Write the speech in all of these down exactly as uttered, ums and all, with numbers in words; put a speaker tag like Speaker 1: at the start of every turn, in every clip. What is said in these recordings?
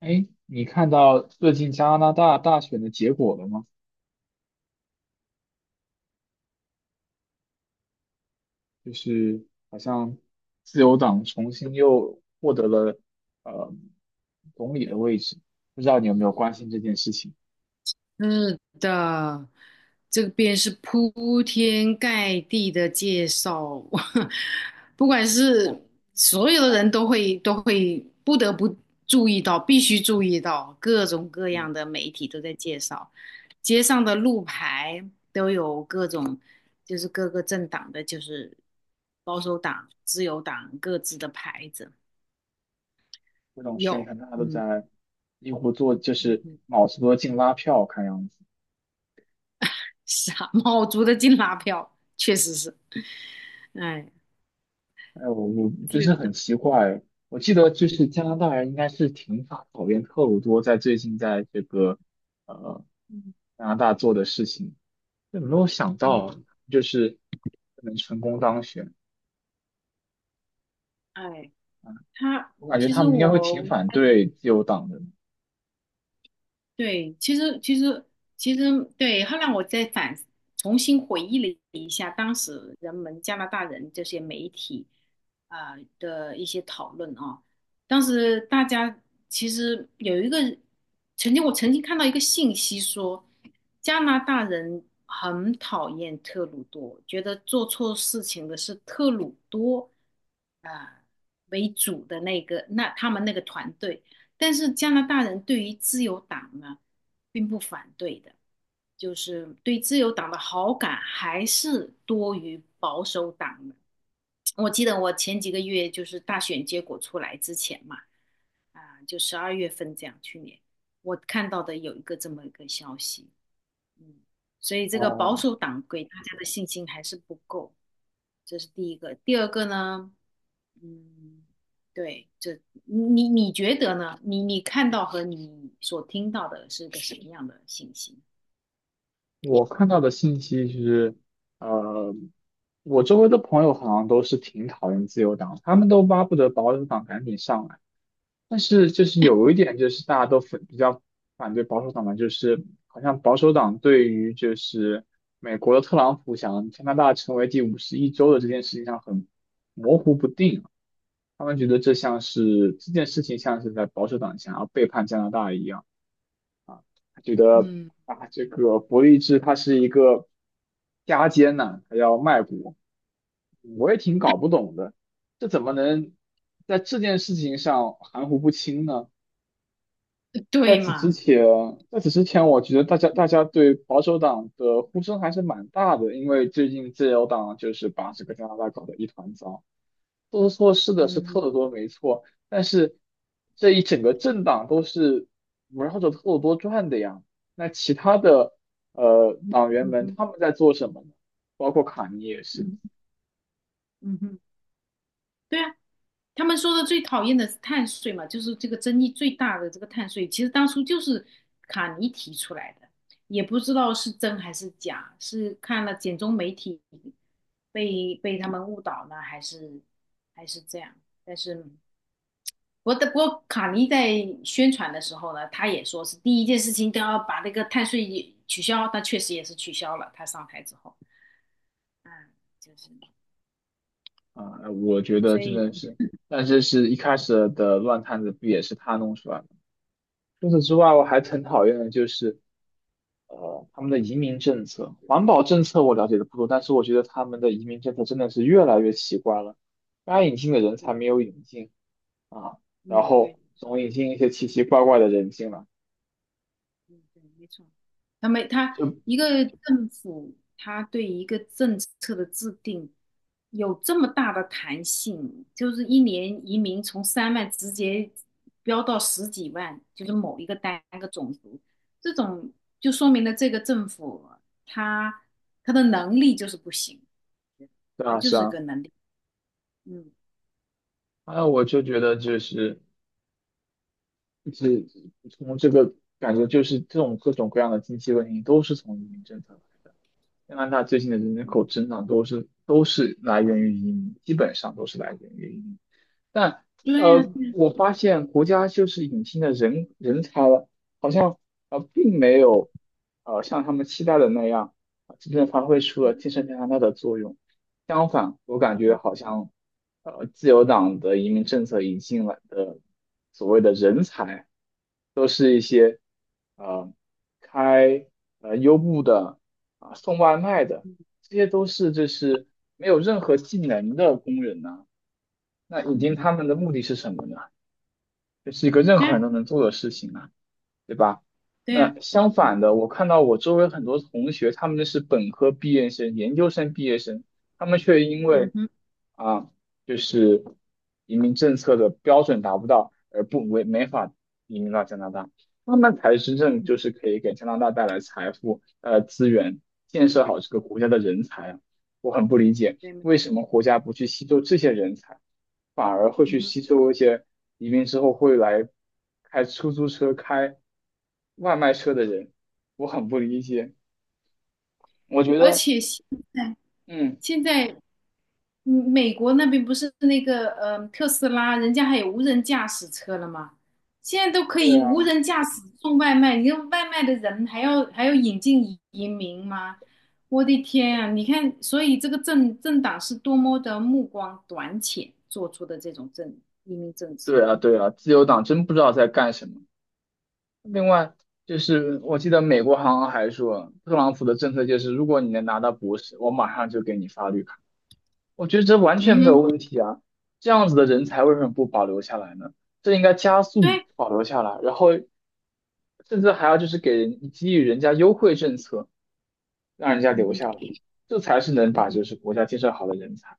Speaker 1: 哎，你看到最近加拿大大选的结果了吗？就是好像自由党重新又获得了呃总理的位置，不知道你有没有关心这件事情？
Speaker 2: 是的，这边是铺天盖地的介绍，不管
Speaker 1: 哦。
Speaker 2: 是所有的人都会都会不得不注意到，必须注意到各种各
Speaker 1: 嗯。
Speaker 2: 样的媒体都在介绍，街上的路牌都有各种，就是各个政党的，就是保守党、自由党各自的牌子，
Speaker 1: 各种宣
Speaker 2: 有，
Speaker 1: 传大家都
Speaker 2: 嗯
Speaker 1: 在几乎做，就
Speaker 2: 嗯
Speaker 1: 是
Speaker 2: 哼，
Speaker 1: 卯足了进拉票，看样子。
Speaker 2: 傻帽族 的金拉票，确实是，哎。
Speaker 1: 哎，我我真
Speaker 2: 自由
Speaker 1: 是很
Speaker 2: 的，
Speaker 1: 奇怪，我记得就是
Speaker 2: 嗯
Speaker 1: 加拿大人应该是挺讨讨厌特鲁多在最近在这个呃
Speaker 2: 嗯
Speaker 1: 加拿大做的事情。有没有想
Speaker 2: 嗯，
Speaker 1: 到就是能成功当选？
Speaker 2: 哎，他
Speaker 1: 我感觉
Speaker 2: 其
Speaker 1: 他
Speaker 2: 实
Speaker 1: 们应该会挺
Speaker 2: 我
Speaker 1: 反对自由党的。
Speaker 2: 对，其实其实其实对，后来我再反重新回忆了一下当时人们加拿大人这些媒体啊、的一些讨论啊，当时大家其实有一个曾经我曾经看到一个信息说，加拿大人很讨厌特鲁多，觉得做错事情的是特鲁多啊、为主的那个那他们那个团队。但是加拿大人对于自由党呢，并不反对的，就是对自由党的好感还是多于保守党的。我记得我前几个月就是大选结果出来之前嘛，啊，就十二月份这样，去年我看到的有一个这么一个消息，嗯，所以这个保
Speaker 1: 哦。
Speaker 2: 守党给大家的信心还是不够，这是第一个。第二个呢，嗯，对，这你你觉得呢？你你看到和你所听到的是个什么样的信息？
Speaker 1: 我看到的信息是，呃，我周围的朋友好像都是挺讨厌自由党，他们都巴不得保守党赶紧上来。但是就是有一点，就是大家都反比较反对保守党的，就是好像保守党对于就是美国的特朗普想加拿大成为第五十一州的这件事情上很模糊不定。他们觉得这像是这件事情像是在保守党想要背叛加拿大一样，他觉得
Speaker 2: 嗯
Speaker 1: 啊，这个伯利兹他是一个加奸呐、他要卖国，我也挺搞不懂的，这怎么能在这件事情上含糊不清呢？在
Speaker 2: 对
Speaker 1: 此之
Speaker 2: 嘛？
Speaker 1: 前，在此之前，我觉得大家大家对保守党的呼声还是蛮大的，因为最近自由党就是把这个加拿大搞得一团糟。做错事的是特
Speaker 2: 嗯
Speaker 1: 鲁多没错，但是这一整个政党都是围绕着特鲁多转的呀。那其他的呃党员
Speaker 2: 嗯
Speaker 1: 们
Speaker 2: 哼
Speaker 1: 他们在做什么呢？包括卡尼也是
Speaker 2: 嗯嗯哼对啊，他们说的最讨厌的是碳税嘛，就是这个争议最大的这个碳税，其实当初就是卡尼提出来的，也不知道是真还是假，是看了简中媒体被被他们误导呢，还是还是这样？但是。我的不过卡尼在宣传的时候呢，他也说是第一件事情都要把那个碳税也取消，他确实也是取消了。他上台之后，嗯，就是，
Speaker 1: 啊、呃我觉得
Speaker 2: 所
Speaker 1: 真
Speaker 2: 以，
Speaker 1: 的是，但是是一开始的乱摊子，不也是他弄出来的？除此之外，我还很讨厌的就是呃他们的移民政策、环保政策，我了解的不多，但是我觉得他们的移民政策真的是越来越奇怪了。该引进的人才
Speaker 2: 对，
Speaker 1: 没有引进。啊。然
Speaker 2: 嗯，对，
Speaker 1: 后
Speaker 2: 是
Speaker 1: 总引进一些奇奇怪怪的人进来，
Speaker 2: 嗯，对，没错。他没他
Speaker 1: 就
Speaker 2: 一个政府，他对一个政策的制定有这么大的弹性，就是一年移民从三万直接飙到十几万，就是某一个单个种族，这种就说明了这个政府他他的能力就是不行，
Speaker 1: 对
Speaker 2: 他
Speaker 1: 啊
Speaker 2: 就
Speaker 1: 是
Speaker 2: 是
Speaker 1: 啊，
Speaker 2: 个能力，嗯，
Speaker 1: 还有
Speaker 2: 对，
Speaker 1: 我就觉得就是是从这个感觉就是这种各种各样的经济问题都是从移民政策来的。加拿大最近的人口
Speaker 2: 嗯，
Speaker 1: 增长都是都是来源于移民，基本上都是来源于移民。但
Speaker 2: 对呀，
Speaker 1: 呃，我发现国家就是引进的人人才了，好像呃并没有呃像他们期待的那样，呃真正发挥出了建设加拿大的作用。相反，我感觉好像呃自由党的移民政策引进来的所谓的人才，呃，开呃优步的啊、送外卖的，这些都是就是没有任何技能的工人呢。那引进他们的目的是什么呢？这是一个任
Speaker 2: 对
Speaker 1: 何人
Speaker 2: 呀，
Speaker 1: 都能做的事情啊，对吧？
Speaker 2: 对呀，
Speaker 1: 那相
Speaker 2: 嗯
Speaker 1: 反的，我看到我周围很多同学，他们是本科毕业生、研究生毕业生，他们却因
Speaker 2: 嗯
Speaker 1: 为
Speaker 2: 哼，
Speaker 1: 啊，就是移民政策的标准达不到，而不没没法移民到加拿大。他们才真正
Speaker 2: 嗯
Speaker 1: 就
Speaker 2: 哼，
Speaker 1: 是可以给加拿大带来财富、呃资源、建设好这个国家的人才啊！我很不理解。
Speaker 2: 对，
Speaker 1: 为什么国家不去吸收这些人才，反而会
Speaker 2: 嗯
Speaker 1: 去
Speaker 2: 哼。
Speaker 1: 吸收一些移民之后会来开出租车、开外卖车的人？我很不理解。我觉
Speaker 2: 而
Speaker 1: 得。
Speaker 2: 且现在
Speaker 1: 嗯。
Speaker 2: 现在嗯美国那边不是那个呃特斯拉，人家还有无人驾驶车了吗？现在都可
Speaker 1: 对
Speaker 2: 以无
Speaker 1: 啊，
Speaker 2: 人驾驶送外卖，你看外卖的人还要还要引进移移民吗？我的天啊！你看，所以这个政政党是多么的目光短浅做出的这种政移民政策。
Speaker 1: 对啊，对啊，自由党真不知道在干什么。另外，就是我记得美国好像还说，特朗普的政策就是，如果你能拿到博士，我马上就给你发绿卡。我觉得这完全
Speaker 2: 嗯
Speaker 1: 没有
Speaker 2: 哼，
Speaker 1: 问题啊，这样子的人才为什么不保留下来呢？这应该加速
Speaker 2: 对，
Speaker 1: 保留下来，然后甚至还要就是给人给予人家优惠政策，让人家
Speaker 2: 嗯
Speaker 1: 留
Speaker 2: 哼，
Speaker 1: 下来，这才是能
Speaker 2: 嗯
Speaker 1: 把
Speaker 2: 哼，
Speaker 1: 就是国家建设好的人才。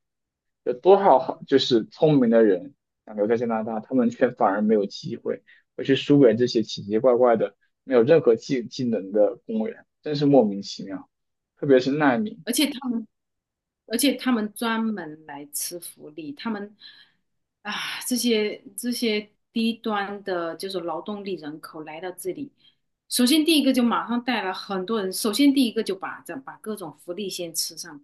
Speaker 1: 有多少好就是聪明的人想留在加拿大，他们却反而没有机会，会去输给这些奇奇怪怪的、没有任何技技能的公务员，真是莫名其妙。特别是难民。
Speaker 2: 而且他们。而且他们专门来吃福利，他们啊，这些这些低端的，就是劳动力人口来到这里，首先第一个就马上带了很多人，首先第一个就把这把各种福利先吃上。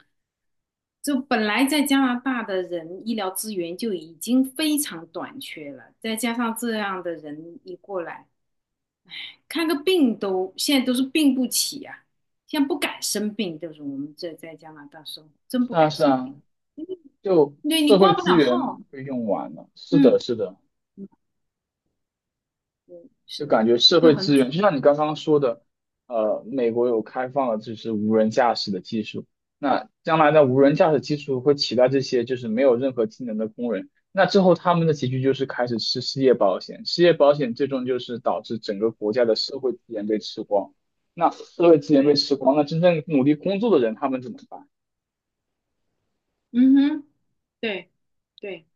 Speaker 2: 就本来在加拿大的人医疗资源就已经非常短缺了，再加上这样的人一过来，看个病都现在都是病不起啊，现在不敢生病，就是我们这在加拿大生活真
Speaker 1: 是
Speaker 2: 不
Speaker 1: 啊，
Speaker 2: 敢
Speaker 1: 是
Speaker 2: 生
Speaker 1: 啊，
Speaker 2: 病。
Speaker 1: 就
Speaker 2: 对你
Speaker 1: 社会
Speaker 2: 挂不
Speaker 1: 资
Speaker 2: 了号，
Speaker 1: 源被用完了。是
Speaker 2: 嗯，
Speaker 1: 的，是的，
Speaker 2: 嗯，对，
Speaker 1: 就
Speaker 2: 是，
Speaker 1: 感觉社
Speaker 2: 就
Speaker 1: 会
Speaker 2: 很
Speaker 1: 资源，
Speaker 2: 蠢，
Speaker 1: 就像你刚刚说的，呃，美国有开放了就是无人驾驶的技术，那将来的无人
Speaker 2: 嗯，
Speaker 1: 驾驶技术会取代这些就是没有任何技能的工人，那之后他们的结局就是开始吃失业保险，失业保险最终就是导致整个国家的社会资源被吃光。那社会资源被
Speaker 2: 对，
Speaker 1: 吃光，那真正努力工作的人他们怎么办？
Speaker 2: 嗯哼，对，对，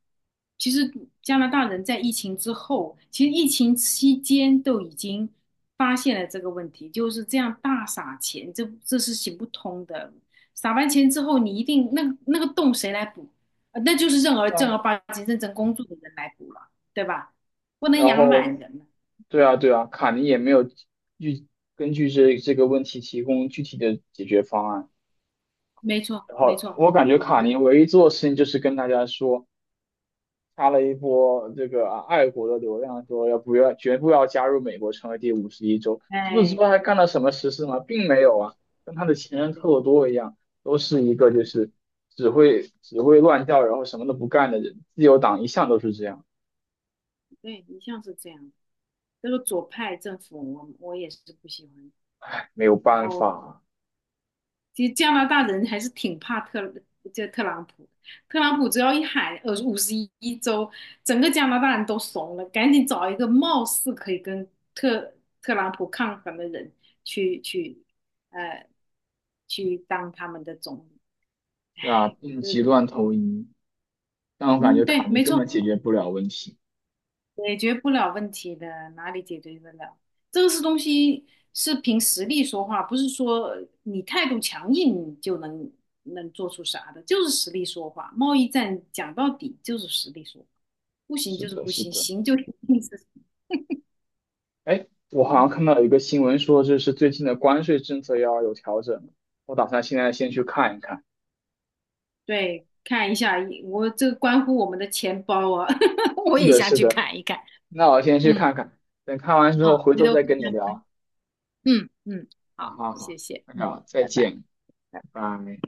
Speaker 2: 其实加拿大人在疫情之后，其实疫情期间都已经发现了这个问题，就是这样大撒钱，这这是行不通的。撒完钱之后，你一定那个那个洞谁来补？呃那就是正儿
Speaker 1: 对
Speaker 2: 正儿
Speaker 1: 吧？
Speaker 2: 八经认真工作的人来补了，对吧？不能
Speaker 1: 然
Speaker 2: 养懒
Speaker 1: 后，
Speaker 2: 人了。
Speaker 1: 对啊，对啊，卡尼也没有具根据这这个问题提供具体的解决方案。
Speaker 2: 没错，
Speaker 1: 然
Speaker 2: 没
Speaker 1: 后
Speaker 2: 错，
Speaker 1: 我感觉
Speaker 2: 我
Speaker 1: 卡尼唯一做的事情就是跟大家说，发了一波这个啊爱国的流量，说要不要绝不要加入美国，成为第五十一州。除此之
Speaker 2: 哎，
Speaker 1: 外还干了什么实事吗？并没有啊，跟他的前任特
Speaker 2: 对。
Speaker 1: 鲁多一样，都是一个就
Speaker 2: 嗯。
Speaker 1: 是只会只会乱叫，然后什么都不干的人。自由党一向都是这样，
Speaker 2: 对，一向是这样。这个左派政府我，我也是不喜欢。
Speaker 1: 没有
Speaker 2: 然
Speaker 1: 办
Speaker 2: 后，
Speaker 1: 法
Speaker 2: 其实加拿大人还是挺怕特这特朗普的特朗普只要一喊呃五十一州，整个加拿大人都怂了，赶紧找一个貌似可以跟特特朗普抗衡的人去去呃去当他们的总理。唉，
Speaker 1: 啊，病
Speaker 2: 呃，
Speaker 1: 急乱投医。但我感
Speaker 2: 嗯，
Speaker 1: 觉卡
Speaker 2: 对，
Speaker 1: 尼
Speaker 2: 没
Speaker 1: 根本
Speaker 2: 错。
Speaker 1: 解决不了问题。
Speaker 2: 解决不了问题的，哪里解决得了？这个是东西是凭实力说话，不是说呃你态度强硬就能能做出啥的，就是实力说话。贸易战讲到底就是实力说话，不行
Speaker 1: 是
Speaker 2: 就是
Speaker 1: 的，
Speaker 2: 不
Speaker 1: 是
Speaker 2: 行，
Speaker 1: 的。
Speaker 2: 行就一定是
Speaker 1: 哎，我好像
Speaker 2: 嗯
Speaker 1: 看到有一个新闻说，就是最近的关税政策要有调整，我打算现在先去
Speaker 2: 嗯，
Speaker 1: 看一看。
Speaker 2: 对。看一下，我这个关乎我们的钱包啊，我
Speaker 1: 是
Speaker 2: 也
Speaker 1: 的，
Speaker 2: 想
Speaker 1: 是
Speaker 2: 去
Speaker 1: 的。
Speaker 2: 看一看。
Speaker 1: 那我先去
Speaker 2: 嗯，
Speaker 1: 看看，等看完之后
Speaker 2: 啊，
Speaker 1: 回
Speaker 2: 回
Speaker 1: 头
Speaker 2: 头
Speaker 1: 再
Speaker 2: 分
Speaker 1: 跟你
Speaker 2: 享
Speaker 1: 聊。
Speaker 2: 嗯嗯
Speaker 1: 啊，
Speaker 2: 好，
Speaker 1: 好好，
Speaker 2: 谢谢。
Speaker 1: 那
Speaker 2: 嗯，
Speaker 1: 个再
Speaker 2: 拜拜。拜
Speaker 1: 见，
Speaker 2: 拜
Speaker 1: 拜拜。